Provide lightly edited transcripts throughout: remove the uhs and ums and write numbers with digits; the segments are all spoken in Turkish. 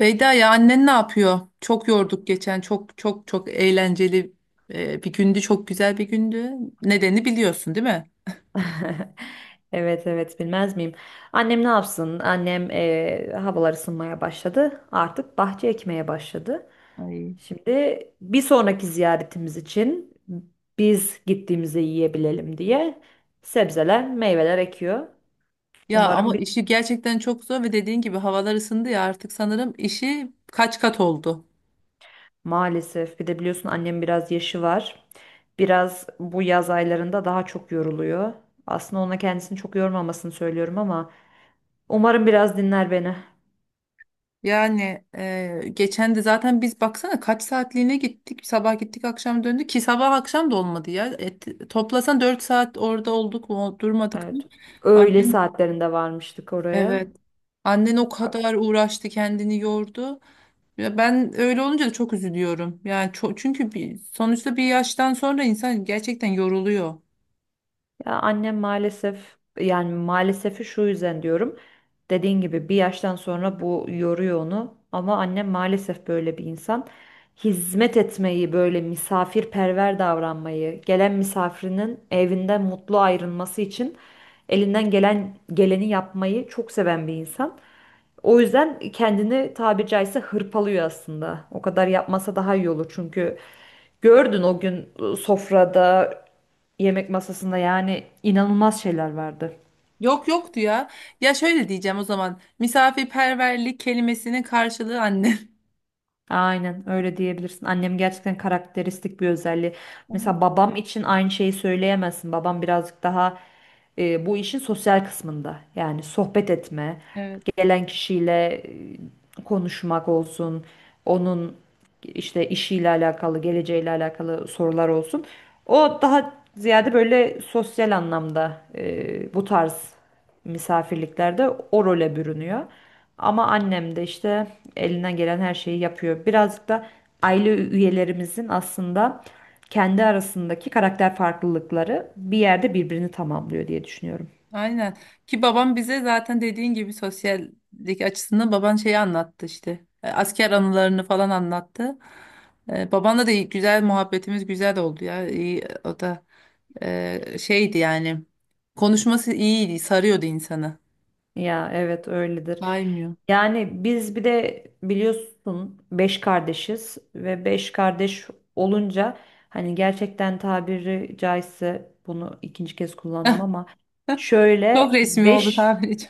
Beyda, ya annen ne yapıyor? Çok yorduk geçen. Çok çok çok eğlenceli bir gündü. Çok güzel bir gündü. Nedeni biliyorsun değil mi? Evet, bilmez miyim? Annem ne yapsın? Annem havalar ısınmaya başladı. Artık bahçe ekmeye başladı. Ay. Şimdi bir sonraki ziyaretimiz için biz gittiğimizde yiyebilelim diye sebzeler, meyveler ekiyor. Ya Umarım ama bir işi gerçekten çok zor ve dediğin gibi havalar ısındı ya, artık sanırım işi kaç kat oldu. Maalesef bir de biliyorsun annem biraz yaşı var. Biraz bu yaz aylarında daha çok yoruluyor. Aslında ona kendisini çok yormamasını söylüyorum ama umarım biraz dinler beni. Yani geçen de zaten biz baksana kaç saatliğine gittik. Sabah gittik akşam döndük, ki sabah akşam da olmadı ya. Toplasan 4 saat orada olduk mu, durmadık mı? Evet. Öğle Annen saatlerinde varmıştık oraya. evet. Annen o kadar uğraştı, kendini yordu. Ya ben öyle olunca da çok üzülüyorum. Yani çünkü bir, sonuçta bir yaştan sonra insan gerçekten yoruluyor. Ya annem maalesef yani maalesef şu yüzden diyorum. Dediğin gibi bir yaştan sonra bu yoruyor onu. Ama annem maalesef böyle bir insan. Hizmet etmeyi, böyle misafirperver davranmayı, gelen misafirinin evinden mutlu ayrılması için elinden gelen geleni yapmayı çok seven bir insan. O yüzden kendini tabiri caizse hırpalıyor aslında. O kadar yapmasa daha iyi olur, çünkü gördün o gün sofrada, yemek masasında yani inanılmaz şeyler vardı. Yok, yoktu ya. Ya şöyle diyeceğim o zaman. Misafirperverlik kelimesinin karşılığı annem. Aynen öyle diyebilirsin. Annem gerçekten karakteristik bir özelliği. Annem. Mesela babam için aynı şeyi söyleyemezsin. Babam birazcık daha bu işin sosyal kısmında. Yani sohbet etme, Evet, gelen kişiyle konuşmak olsun, onun işte işiyle alakalı, geleceğiyle alakalı sorular olsun. O daha ziyade böyle sosyal anlamda bu tarz misafirliklerde o role bürünüyor. Ama annem de işte elinden gelen her şeyi yapıyor. Birazcık da aile üyelerimizin aslında kendi arasındaki karakter farklılıkları bir yerde birbirini tamamlıyor diye düşünüyorum. aynen. Ki babam bize zaten dediğin gibi sosyallik açısından baban şeyi anlattı işte. Asker anılarını falan anlattı. Babanla da güzel muhabbetimiz güzel oldu ya. İyi, o da şeydi yani. Konuşması iyiydi, sarıyordu insanı. Ya evet öyledir. Saymıyor. Yani biz bir de biliyorsun beş kardeşiz ve beş kardeş olunca hani gerçekten tabiri caizse bunu ikinci kez kullandım ama Çok şöyle resmi oldu beş tabirci.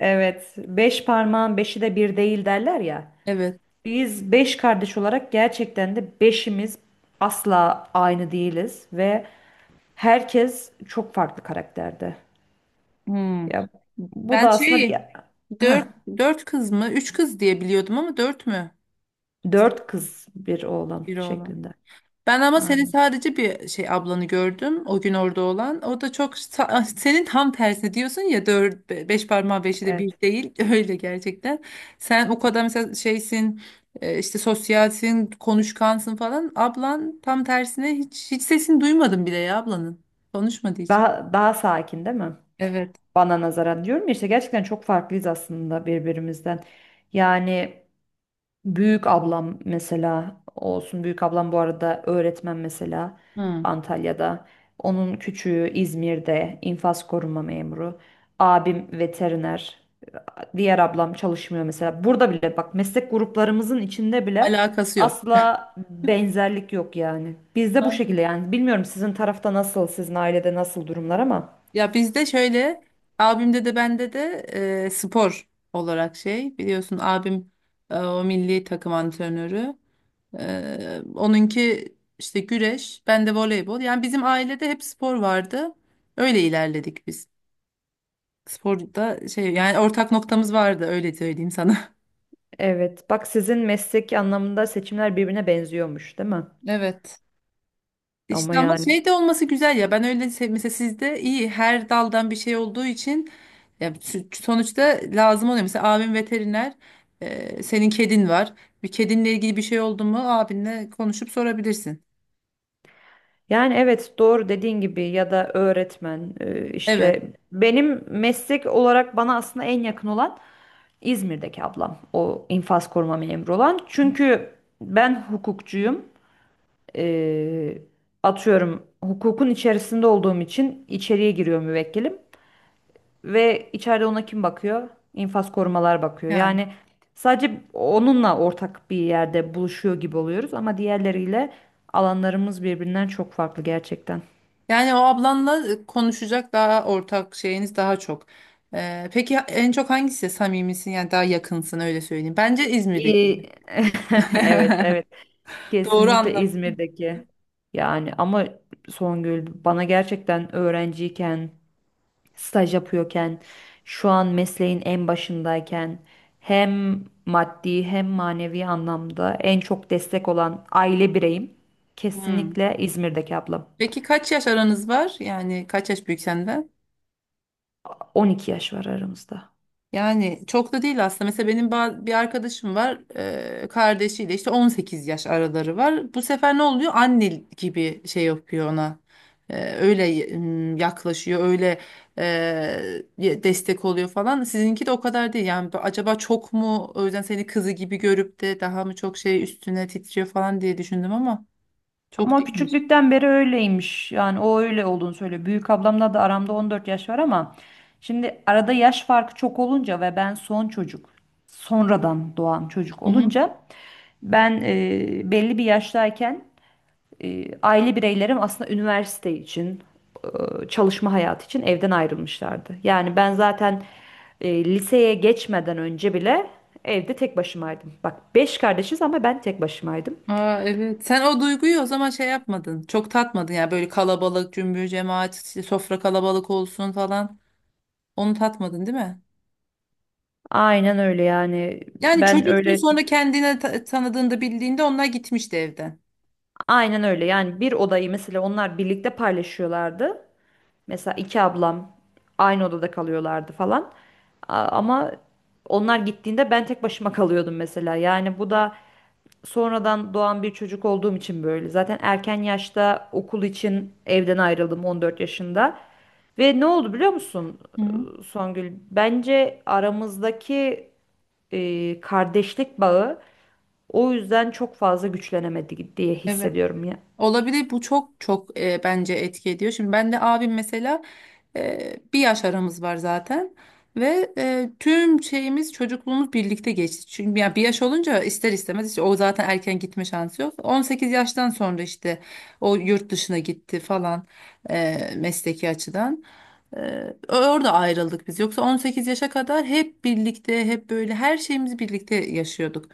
Evet, beş parmağın beşi de bir değil derler ya. Evet. Biz beş kardeş olarak gerçekten de beşimiz asla aynı değiliz ve herkes çok farklı karakterde. Hmm. Ya bu Ben da aslında bir şey, Heh, dört, dört kız mı? Üç kız diye biliyordum ama dört mü? Dört kız bir oğlan Bir oğlan. şeklinde. Ben ama senin Aynen. sadece bir şey ablanı gördüm. O gün orada olan. O da çok ah, senin tam tersi diyorsun ya, dört, beş parmağı beşi de bir Evet. değil. Öyle gerçekten. Sen o kadar mesela şeysin, işte sosyalsin, konuşkansın falan. Ablan tam tersine, hiç sesini duymadım bile ya ablanın. Konuşmadı hiç. Daha daha sakin değil mi? Evet. Bana nazaran diyorum ya işte gerçekten çok farklıyız aslında birbirimizden. Yani. Büyük ablam mesela olsun. Büyük ablam bu arada öğretmen mesela Hı. Antalya'da. Onun küçüğü İzmir'de infaz koruma memuru. Abim veteriner. Diğer ablam çalışmıyor mesela. Burada bile bak meslek gruplarımızın içinde bile Alakası yok. asla benzerlik yok yani. Bizde bu Ha. şekilde yani. Bilmiyorum sizin tarafta nasıl, sizin ailede nasıl durumlar ama. Ya bizde şöyle, abimde de bende de spor olarak şey, biliyorsun abim o milli takım antrenörü. Onunki işte güreş, ben de voleybol. Yani bizim ailede hep spor vardı. Öyle ilerledik biz. Sporda şey, yani ortak noktamız vardı, öyle söyleyeyim sana. Evet, bak sizin mesleki anlamında seçimler birbirine benziyormuş, değil mi? Evet. Ama İşte ama yani. şey de olması güzel ya, ben öyle mesela sizde iyi, her daldan bir şey olduğu için. Ya sonuçta lazım oluyor. Mesela abim veteriner, senin kedin var. Bir kedinle ilgili bir şey oldu mu, abinle konuşup sorabilirsin. Yani evet doğru dediğin gibi ya da öğretmen Evet işte benim meslek olarak bana aslında en yakın olan İzmir'deki ablam o infaz koruma memuru olan. Çünkü ben hukukçuyum. E, Atıyorum, hukukun içerisinde olduğum için içeriye giriyor müvekkilim ve içeride ona kim bakıyor? İnfaz korumalar bakıyor. yani. Yani sadece onunla ortak bir yerde buluşuyor gibi oluyoruz ama diğerleriyle alanlarımız birbirinden çok farklı gerçekten. Yani o ablanla konuşacak daha ortak şeyiniz daha çok. Peki en çok hangisi samimisin, yani daha yakınsın öyle söyleyeyim. Bence İzmir'deki. İyi. Evet, evet. Doğru Kesinlikle anladım. İzmir'deki. Yani ama Songül bana gerçekten öğrenciyken, staj yapıyorken, şu an mesleğin en başındayken hem maddi hem manevi anlamda en çok destek olan aile bireyim Hmm. kesinlikle İzmir'deki ablam. Peki kaç yaş aranız var? Yani kaç yaş büyük senden? 12 yaş var aramızda. Yani çok da değil aslında. Mesela benim bir arkadaşım var. Kardeşiyle işte 18 yaş araları var. Bu sefer ne oluyor? Anne gibi şey yapıyor ona. Öyle yaklaşıyor. Öyle destek oluyor falan. Sizinki de o kadar değil. Yani acaba çok mu o yüzden seni kızı gibi görüp de daha mı çok şey üstüne titriyor falan diye düşündüm ama çok Ama değilmiş. küçüklükten beri öyleymiş. Yani o öyle olduğunu söylüyor. Büyük ablamla da aramda 14 yaş var ama şimdi arada yaş farkı çok olunca ve ben son çocuk, sonradan doğan çocuk olunca ben belli bir yaştayken aile bireylerim aslında üniversite için, çalışma hayatı için evden ayrılmışlardı. Yani ben zaten liseye geçmeden önce bile evde tek başımaydım. Bak beş kardeşiz ama ben tek başımaydım. Aa, evet. Sen o duyguyu o zaman şey yapmadın. Çok tatmadın yani, böyle kalabalık, cümbür cemaat, işte sofra kalabalık olsun falan. Onu tatmadın değil mi? Aynen öyle yani Yani ben çocuktun, öyle sonra kendine tanıdığında, bildiğinde onlar gitmişti evden. aynen öyle yani, bir odayı mesela onlar birlikte paylaşıyorlardı. Mesela iki ablam aynı odada kalıyorlardı falan. Ama onlar gittiğinde ben tek başıma kalıyordum mesela. Yani bu da sonradan doğan bir çocuk olduğum için böyle. Zaten erken yaşta okul için evden ayrıldım 14 yaşında. Ve ne oldu biliyor musun Hı. Songül? Bence aramızdaki kardeşlik bağı o yüzden çok fazla güçlenemedi diye Evet. hissediyorum ya. Olabilir bu, çok çok bence etki ediyor. Şimdi ben de abim mesela bir yaş aramız var zaten ve tüm şeyimiz, çocukluğumuz birlikte geçti. Çünkü ya bir yaş olunca ister istemez işte, o zaten erken gitme şansı yok. 18 yaştan sonra işte o yurt dışına gitti falan mesleki açıdan. Orada ayrıldık biz. Yoksa 18 yaşa kadar hep birlikte, hep böyle her şeyimizi birlikte yaşıyorduk.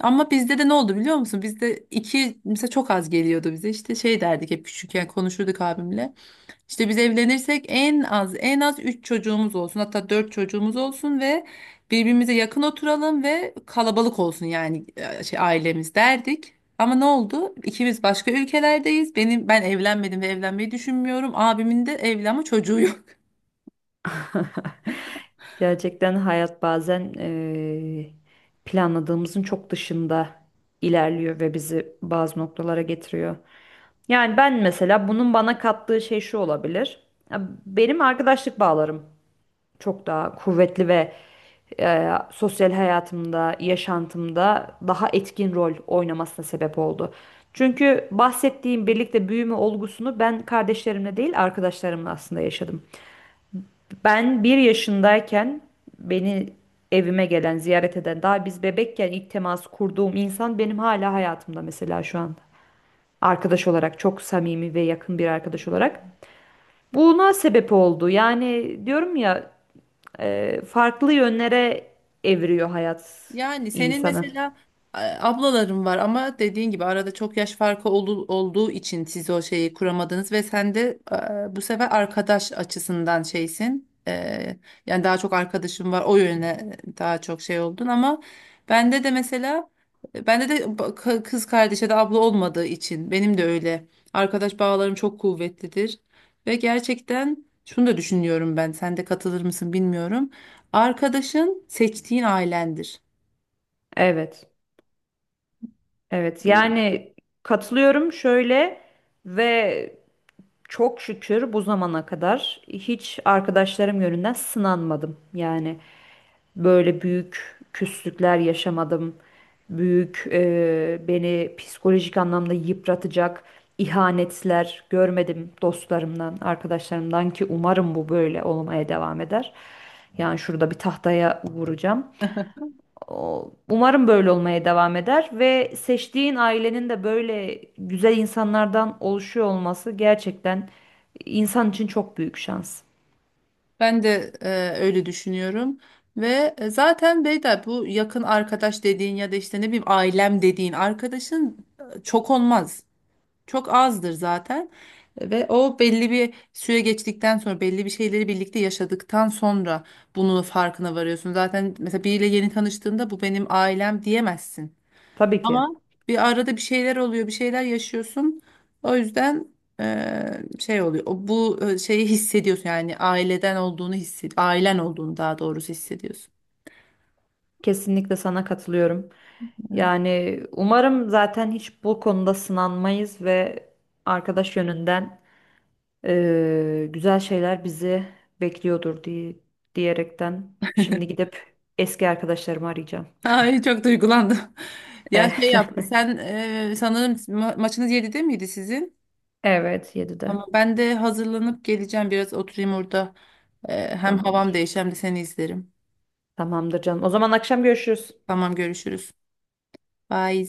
Ama bizde de ne oldu biliyor musun? Bizde iki mesela çok az geliyordu bize. İşte şey derdik hep, küçükken konuşurduk abimle. İşte biz evlenirsek en az, en az 3 çocuğumuz olsun. Hatta 4 çocuğumuz olsun ve birbirimize yakın oturalım ve kalabalık olsun, yani şey ailemiz derdik. Ama ne oldu? İkimiz başka ülkelerdeyiz. Ben evlenmedim ve evlenmeyi düşünmüyorum. Abimin de evli ama çocuğu yok. Gerçekten hayat bazen planladığımızın çok dışında ilerliyor ve bizi bazı noktalara getiriyor. Yani ben mesela bunun bana kattığı şey şu olabilir. Ya benim arkadaşlık bağlarım çok daha kuvvetli ve sosyal hayatımda, yaşantımda daha etkin rol oynamasına sebep oldu. Çünkü bahsettiğim birlikte büyüme olgusunu ben kardeşlerimle değil arkadaşlarımla aslında yaşadım. Ben bir yaşındayken beni evime gelen, ziyaret eden, daha biz bebekken ilk temas kurduğum insan benim hala hayatımda mesela şu anda. Arkadaş olarak çok samimi ve yakın bir arkadaş olarak. Buna sebep oldu. Yani diyorum ya, farklı yönlere evriyor hayat Yani senin insanı. mesela ablaların var ama dediğin gibi arada çok yaş farkı olduğu için siz o şeyi kuramadınız ve sen de bu sefer arkadaş açısından şeysin. Yani daha çok arkadaşım var, o yöne daha çok şey oldun ama bende de mesela bende de kız kardeşe de abla olmadığı için benim de öyle arkadaş bağlarım çok kuvvetlidir ve gerçekten şunu da düşünüyorum, ben, sen de katılır mısın bilmiyorum. Arkadaşın seçtiğin ailendir. Evet, evet. Yani katılıyorum şöyle ve çok şükür bu zamana kadar hiç arkadaşlarım yönünden sınanmadım. Yani böyle büyük küslükler yaşamadım. Büyük beni psikolojik anlamda yıpratacak ihanetler görmedim dostlarımdan, arkadaşlarımdan, ki umarım bu böyle olmaya devam eder. Yani şurada bir tahtaya vuracağım. Umarım böyle olmaya devam eder ve seçtiğin ailenin de böyle güzel insanlardan oluşuyor olması gerçekten insan için çok büyük şans. Ben de öyle düşünüyorum ve zaten Beyda bu yakın arkadaş dediğin ya da işte ne bileyim ailem dediğin arkadaşın çok olmaz. Çok azdır zaten ve o, belli bir süre geçtikten sonra, belli bir şeyleri birlikte yaşadıktan sonra bunun farkına varıyorsun. Zaten mesela biriyle yeni tanıştığında, bu benim ailem diyemezsin. Tabii ki. Ama bir arada bir şeyler oluyor, bir şeyler yaşıyorsun. O yüzden şey oluyor. O, bu şeyi hissediyorsun yani aileden olduğunu ailen olduğunu daha doğrusu hissediyorsun. Kesinlikle sana katılıyorum. Evet. Yani umarım zaten hiç bu konuda sınanmayız ve arkadaş yönünden güzel şeyler bizi bekliyordur diye diyerekten şimdi gidip eski arkadaşlarımı arayacağım. Ay, çok duygulandım. Ya şey yap, sen sanırım maçınız 7'de miydi sizin? Evet, 7'de. Ama ben de hazırlanıp geleceğim, biraz oturayım orada. Hem havam Tamamdır. değişir hem de seni izlerim. Tamamdır canım. O zaman akşam görüşürüz. Tamam, görüşürüz. Bye.